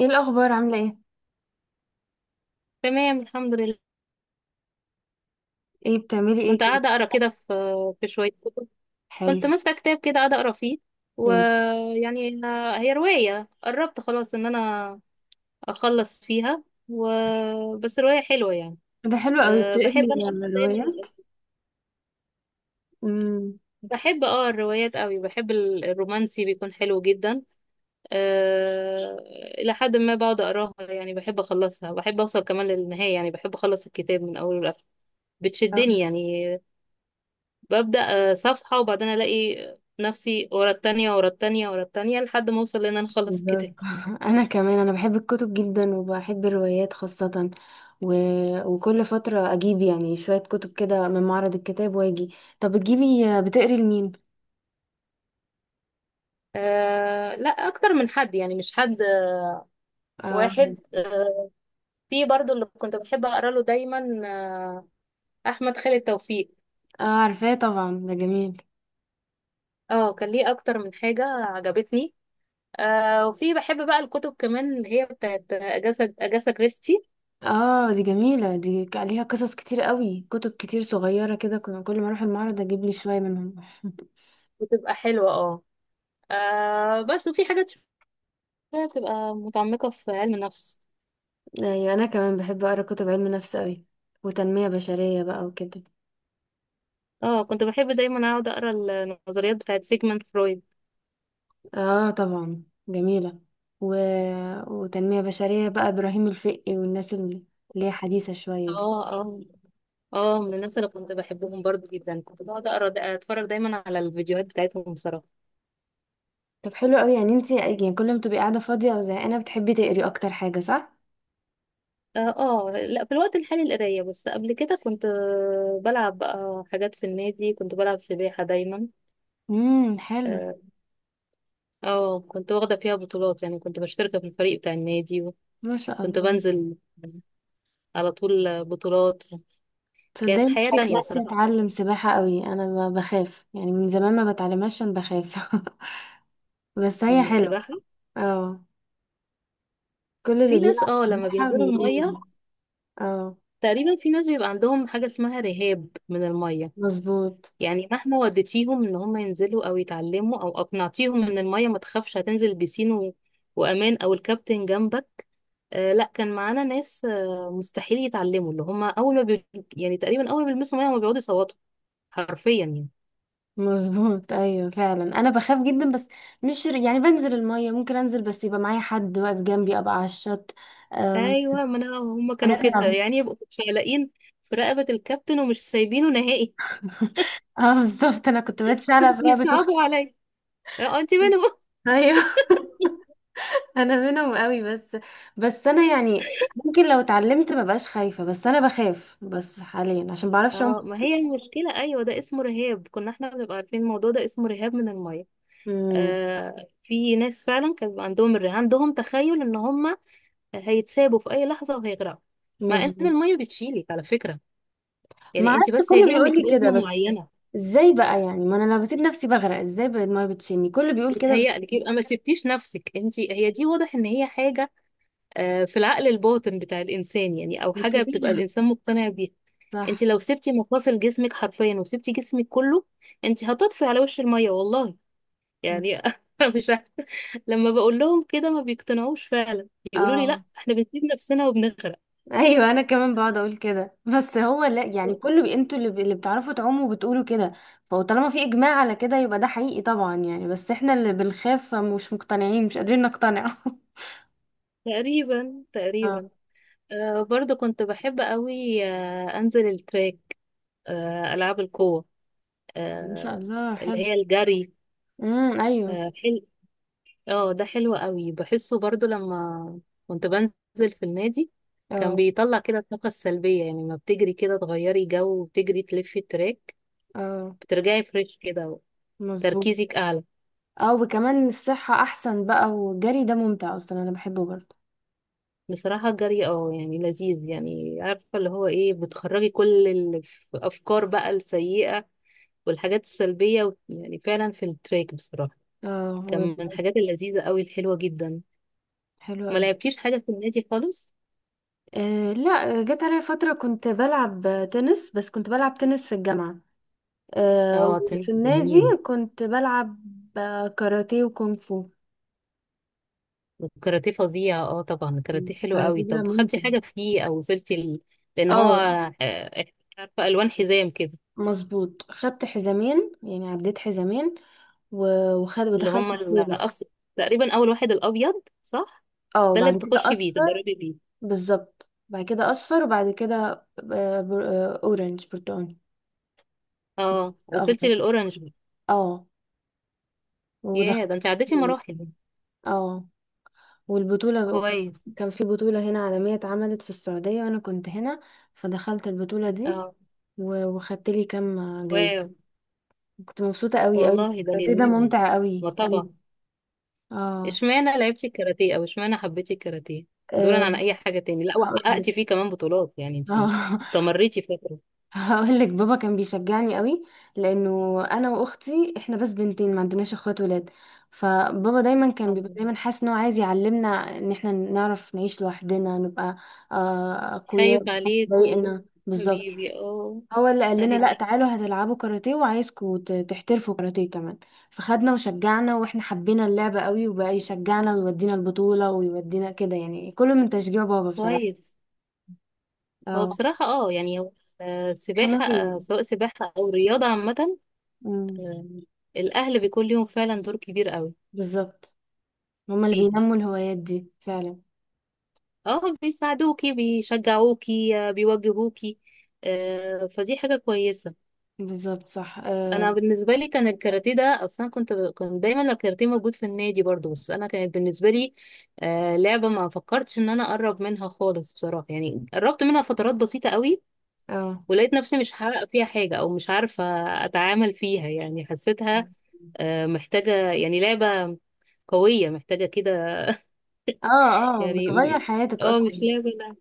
ايه الاخبار؟ عامله ايه؟ تمام، الحمد لله. ايه بتعملي ايه كنت كده؟ قاعدة أقرأ كده في شوية كتب. كنت حلو. ماسكة كتاب كده قاعدة أقرأ فيه مم. ويعني هي رواية قربت خلاص إن أنا أخلص فيها و... بس رواية حلوة يعني. ده حلو قوي، أه، بحب بتقري أنا أكتر دايما، روايات؟ مم. بحب الروايات قوي. بحب الرومانسي، بيكون حلو جدا. أه، إلى حد ما بقعد أقراها، يعني بحب أخلصها، بحب أوصل كمان للنهاية، يعني بحب أخلص الكتاب من أوله لآخره. بتشدني آه، يعني. ببدأ صفحة وبعدين ألاقي نفسي ورا التانية ورا التانية ورا التانية لحد ما أوصل لأن أنا أخلص بالظبط. الكتاب. انا كمان انا بحب الكتب جدا، وبحب الروايات خاصه و... وكل فتره اجيب يعني شويه كتب كده من معرض الكتاب، واجي. طب بتجيبي، بتقري لمين؟ أه، لا أكتر من حد، يعني مش حد اه واحد. في برضو اللي كنت بحب أقرأ له دايما، آه، أحمد خالد توفيق. اه عارفاه طبعا، ده جميل. اه، كان ليه أكتر من حاجة عجبتني. أه، وفي بحب بقى الكتب كمان اللي هي بتاعت أجاسا كريستي. اه دي جميله، دي عليها قصص كتير قوي، كتب كتير صغيره كده، كل ما اروح المعرض اجيب لي شويه منهم. بتبقى حلوة، اه. بس وفي حاجات شوية بتبقى متعمقة في علم النفس. ايوه انا كمان بحب اقرا كتب علم نفس قوي، وتنميه بشريه بقى وكده. اه، كنت بحب دايما اقعد اقرا النظريات بتاعت سيجموند فرويد. اه طبعا، جميله، و... وتنميه بشريه بقى ابراهيم الفقي والناس اللي هي حديثه شويه دي. اه، اه، اه، من الناس اللي كنت بحبهم برضو جدا، كنت بقعد اقرا دا اتفرج دايما على الفيديوهات بتاعتهم بصراحه. طب حلو قوي، يعني انت يعني كل ما تبقي قاعده فاضيه او زهقانه بتحبي تقري، اكتر حاجه، صح؟ اه. لا، في الوقت الحالي القرايه بس، قبل كده كنت بلعب بقى حاجات في النادي، كنت بلعب سباحه دايما. امم، حلو. اه. كنت واخده فيها بطولات، يعني كنت مشتركه في الفريق بتاع النادي، ما شاء وكنت الله. بنزل على طول بطولات. تصدقي كانت حياه نفسي تانية نفسي بصراحه اتعلم سباحه قوي، انا بخاف يعني من زمان، ما بتعلمهاش عشان بخاف. بس هي من حلوه. السباحه. اه، كل اللي في ناس بيلعب لما سباحه بينزلوا بيقول. الميه اه، تقريبا، في ناس بيبقى عندهم حاجة اسمها رهاب من المية. مظبوط. يعني مهما وديتيهم ان هم ينزلوا او يتعلموا او اقنعتيهم ان المية ما تخافش، هتنزل بيسين وامان او الكابتن جنبك. لا، كان معانا ناس مستحيل يتعلموا، اللي هم اول ما يعني تقريبا اول ما بيلمسوا مية هم بيقعدوا يصوتوا حرفيا يعني. مظبوط، ايوه فعلا انا بخاف جدا، بس مش ر- يعني بنزل الميه، ممكن انزل بس يبقى معايا حد واقف جنبي، ابقى على الشط. أم، ايوه، ما انا هم كانوا حاجات كده، العبيطه. يعني يبقوا شايلين في رقبة الكابتن ومش سايبينه نهائي. اه بالظبط، انا كنت بتشعلق في لعبه اختي. يصعبوا عليا. اه، انت منهم. ايوه. انا منهم قوي. بس بس انا يعني ممكن لو اتعلمت ما بقاش خايفه، بس انا بخاف بس حاليا عشان بعرفش اعوم. اه، ما هي المشكلة، ايوه، ده اسمه رهاب، كنا احنا بنبقى عارفين الموضوع ده اسمه رهاب من المية. امم. في ناس فعلا كان بيبقى عندهم الرهاب، عندهم تخيل ان هم هيتسابوا في اي لحظة وهيغرقوا. مع ان مظبوط. المية بتشيلك على فكرة، ما يعني انت اعرفش، بس هي كله ليها بيقول لي ميكانيزم كده بس. معينة. ازاي بقى يعني، ما انا لو بسيب نفسي بغرق، ازاي بقى الميه بتشيلني؟ كله بيقول كده بس. بتهيألك، يبقى ما سبتيش نفسك، انت هي دي واضح ان هي حاجة في العقل الباطن بتاع الانسان، يعني او حاجة كده. بتبقى الانسان مقتنع بيها. انت صح. لو سبتي مفاصل جسمك حرفيا وسبتي جسمك كله، انت هتطفي على وش المية والله يعني. مش عارفة. لما بقول لهم كده ما بيقتنعوش فعلا، يقولوا لي لا، اه احنا بنسيب نفسنا وبنغرق. ايوه، انا كمان بقعد اقول كده، بس هو لا يعني، انتوا اللي بتعرفوا تعوموا وبتقولوا كده، فطالما في اجماع على كده يبقى ده حقيقي طبعا يعني، بس احنا اللي بنخاف مش مقتنعين، مش قادرين نقتنع. تقريبا اه. تقريبا. برضو كنت بحب قوي انزل التراك، العاب القوة، ما شاء آه الله، اللي حلو. هي الجري امم، ايوه. آه حل... اه، ده حلو قوي، بحسه برضو لما كنت بنزل في النادي، كان اه. بيطلع كده الطاقة السلبية، يعني ما بتجري كده تغيري جو وتجري تلفي التراك، اه. بترجعي فريش كده، مظبوط. تركيزك اعلى. اه وكمان الصحة احسن بقى، والجري ده ممتع اصلا، انا بحبه برضه. بصراحة الجري، اه، يعني لذيذ، يعني عارفة اللي هو ايه، بتخرجي كل الأفكار بقى السيئة والحاجات السلبية يعني فعلا في التراك بصراحة، اه كان من الحاجات اللذيذة قوي الحلوة جدا. حلو ما قوي. لعبتيش حاجة في النادي خالص؟ آه لا، جت عليا فترة كنت بلعب تنس، بس كنت بلعب تنس في الجامعة. آه، اه، كان وفي النادي جميل. كنت بلعب كاراتيه وكونغ فو. الكاراتيه فظيع، اه طبعا الكاراتيه حلو الكاراتيه قوي، ده طب خدتي ممتع. حاجة فيه أو وصلتي لأن هو اه آه، عارفة ألوان حزام كده، مظبوط، خدت حزامين يعني، عديت حزامين وخد اللي ودخلت هما بطولة. الأبس... تقريبا أول واحد الأبيض صح؟ اه ده اللي وبعد كده بتخشي بيه اصفر. تتدربي بيه. بالظبط، بعد كده اصفر، وبعد كده اورنج، برتقاني، اه، وصلتي اخضر. للأورنج. اه، ودخلت ياه، ده انت عديتي بطولة. مراحل. اه، والبطولة كويس. كان في بطولة هنا عالمية اتعملت في السعودية، وانا كنت هنا، فدخلت البطولة دي، اه. وخدت لي كام واو. جايزة. كنت مبسوطة قوي قوي. والله ده الكاراتيه ده جميل. ممتع قوي ما قوي. طبعا. اه. اشمعنى لعبتي الكاراتيه او اشمعنى حبيتي الكاراتيه دولا آه، عن اي حاجة تاني؟ لا، هقولك. وحققتي فيه كمان بطولات، يعني انت اه. استمريتي فترة. هقولك، بابا كان بيشجعني قوي، لانه انا واختي احنا بس بنتين، ما عندناش اخوات ولاد، فبابا دايما كان بيبقى آه. دايما حاسس ان هو عايز يعلمنا ان احنا نعرف نعيش لوحدنا، نبقى خايف اقوياء، محدش عليكو يضايقنا. بالظبط. حبيبي، اه. هو اللي قال لنا لا ايوه، تعالوا هتلعبوا كاراتيه، وعايزكوا تحترفوا كاراتيه كمان، فخدنا وشجعنا، واحنا حبينا اللعبة قوي، وبقى يشجعنا ويودينا البطولة ويودينا كده، يعني كله من تشجيع بابا بصراحة. كويس. هو اه. بصراحة، اه، يعني هو سباحة، حماية يعني. سواء سباحة او رياضة عامة، أمم، آه، الاهل بيكون ليهم فعلا دور كبير قوي بالظبط. هما اللي فيها. بينموا الهوايات دي فعلا. اه، بيساعدوكي بيشجعوكي، بيوجهوكي، فدي حاجة كويسة. بالظبط، صح. اه. أنا بالنسبة لي كان الكاراتيه ده أصلا، كنت كان دايما الكاراتيه موجود في النادي برضو، بس أنا كانت بالنسبة لي لعبة ما فكرتش إن أنا أقرب منها خالص بصراحة، يعني قربت منها فترات بسيطة قوي، اه. ولقيت نفسي مش هحقق فيها حاجة أو مش عارفة أتعامل فيها، يعني حسيتها محتاجة، يعني لعبة قوية، محتاجة كده اه. اه يعني. بتغير حياتك اه، اصلا. مش لعبة،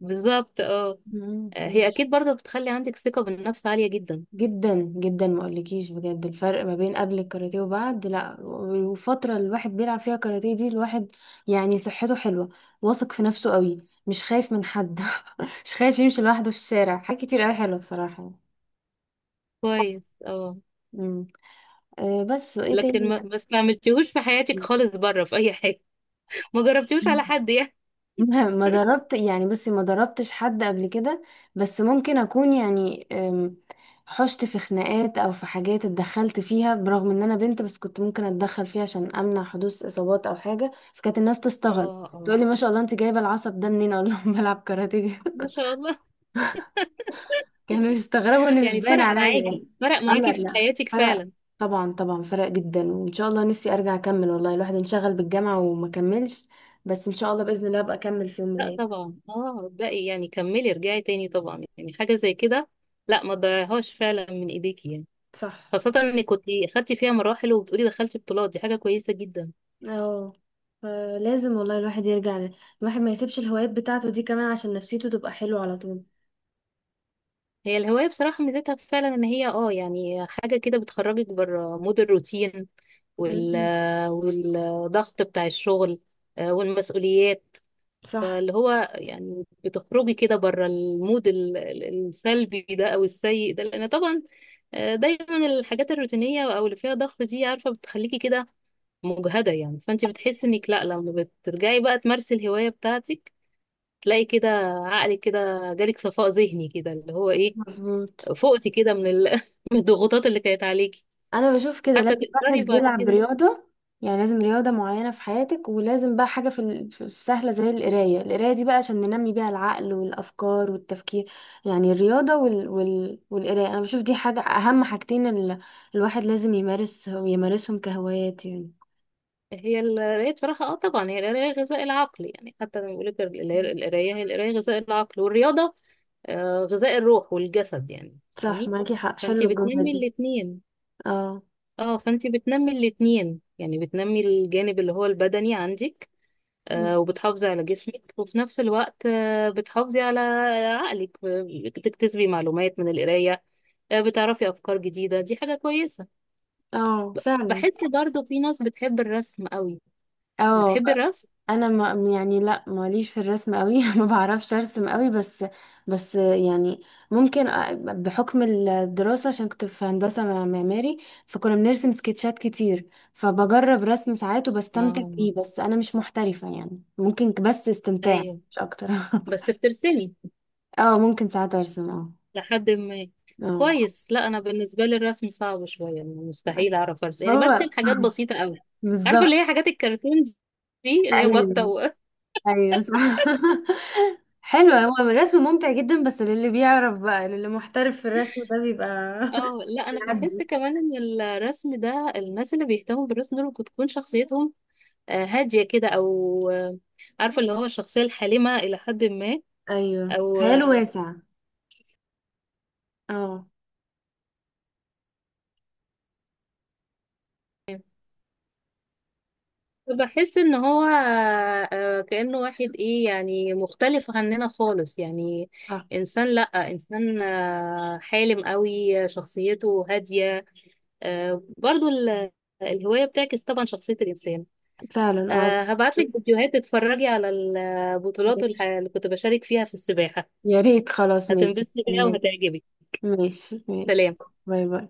بالظبط اه. أمم. هي اكيد برضه بتخلي عندك ثقة بالنفس عالية جدا. جدا جدا، ما اقولكيش بجد الفرق ما بين قبل الكاراتيه وبعد، لا والفتره اللي الواحد بيلعب فيها كاراتيه دي، الواحد يعني صحته حلوه، واثق في نفسه قوي، مش خايف من حد، مش خايف يمشي لوحده في الشارع، حاجات كتير قوي حلوه بصراحه. كويس، اه. امم. أه بس، وايه لكن تاني؟ ما استعملتيهوش في حياتك خالص بره في اي حاجة. ما جربتيهوش على حد يعني. ما دربت يعني، بصي ما دربتش حد قبل كده، بس ممكن اكون يعني، حشت في خناقات او في حاجات اتدخلت فيها، برغم ان انا بنت، بس كنت ممكن اتدخل فيها عشان امنع حدوث اصابات او حاجه، فكانت الناس تستغرب، اه، اه. تقولي ما شاء الله انت جايبه العصب ده منين، اقول لهم بلعب كاراتيه. ما شاء الله. كانوا يستغربوا ان مش يعني باين فرق عليا. معاكي، فرق اه لا، معاكي في لا حياتك فرق، فعلا. طبعا طبعا فرق جدا. وان شاء الله نفسي ارجع اكمل، والله الواحد انشغل بالجامعه وما كملش، بس ان شاء الله باذن الله ابقى اكمل في يوم من لا الايام. طبعا، اه، باقي، يعني كملي، ارجعي تاني طبعا، يعني حاجة زي كده لا ما تضيعيهاش فعلا من ايديكي يعني. صح. خاصة انك كنت خدتي فيها مراحل وبتقولي دخلتي بطولات، دي حاجة كويسة جدا. اه. فلازم والله الواحد يرجع الواحد ما يسيبش الهوايات بتاعته دي كمان، عشان نفسيته تبقى حلوة على طول. هي الهواية بصراحة ميزتها فعلا ان هي، اه، يعني حاجة كده بتخرجك بره مود الروتين وال مم. والضغط بتاع الشغل، والمسؤوليات. صح. فاللي هو يعني بتخرجي كده بره المود السلبي ده او السيء ده، لان طبعا دايما الحاجات الروتينية او اللي فيها ضغط دي، عارفة، بتخليكي كده مجهدة، يعني فانت بتحسي انك لا، لما بترجعي بقى تمارسي الهواية بتاعتك، تلاقي كده عقلك كده جالك صفاء ذهني كده، اللي هو ايه، مظبوط. فقتي كده من من الضغوطات اللي كانت عليكي، انا بشوف كده حتى لازم الواحد تقدري بعد بيلعب كده. رياضه، يعني لازم رياضه معينه في حياتك، ولازم بقى حاجه في سهله زي القرايه، القرايه دي بقى عشان ننمي بيها العقل والافكار والتفكير، يعني الرياضه والقرايه، انا بشوف دي حاجه، اهم حاجتين الواحد لازم يمارسهم كهوايات يعني. هي القراية بصراحة، اه طبعا هي القراية غذاء العقل، يعني حتى لما بيقول لك القراية هي القراية غذاء العقل، والرياضة غذاء الروح والجسد يعني. صح، فاهماني؟ معاكي حق، حلوه فانتي الجمله بتنمي دي. الاتنين. اه. اه، فانتي بتنمي الاتنين، يعني بتنمي الجانب اللي هو البدني عندك، وبتحافظي على جسمك، وفي نفس الوقت بتحافظي على عقلك، بتكتسبي معلومات من القراية، بتعرفي أفكار جديدة، دي حاجة كويسة. اه فعلا. بحس برضو في ناس بتحب الرسم قوي، اه بتحب الرسم. انا ما يعني لا، ماليش في الرسم قوي، ما بعرفش ارسم قوي، بس بس يعني ممكن بحكم الدراسة، عشان كنت في هندسة معماري، فكنا بنرسم سكتشات كتير، فبجرب رسم ساعات وبستمتع اه، بيه، بس انا مش محترفة يعني، ممكن بس استمتاع ايوه. مش اكتر. بس بترسمي اه ممكن ساعات ارسم، اه. لحد ما. اه. كويس. لا، انا بالنسبه لي الرسم صعب شويه، يعني مستحيل اعرف ارسم، يعني برسم هو حاجات بسيطه قوي، عارفه بالظبط. اللي هي حاجات الكرتون، دي اللي هي بطه ايوه، ايوه صح. حلو، هو الرسم ممتع جدا، بس للي بيعرف بقى، للي محترف في الرسم ده بيبقى. اه، لا، انا بحس بيعدي. كمان ان الرسم ده، الناس اللي بيهتموا بالرسم دول ممكن تكون شخصيتهم هاديه كده، او عارفه اللي هو الشخصيه الحالمه الى حد ما، ايوه، او خياله واسع. اه. بحس ان هو كأنه واحد ايه، يعني مختلف عننا خالص يعني، اه انسان، لا، انسان حالم قوي، شخصيته هادية. برضو الهواية بتعكس طبعا شخصية الانسان. فعلا، اه. هبعتلك فيديوهات تتفرجي على البطولات ماشي. اللي كنت بشارك فيها في السباحة، يا ريت، خلاص ماشي، هتنبسطي بيها استناك. وهتعجبك. ماشي ماشي. سلام. باي باي.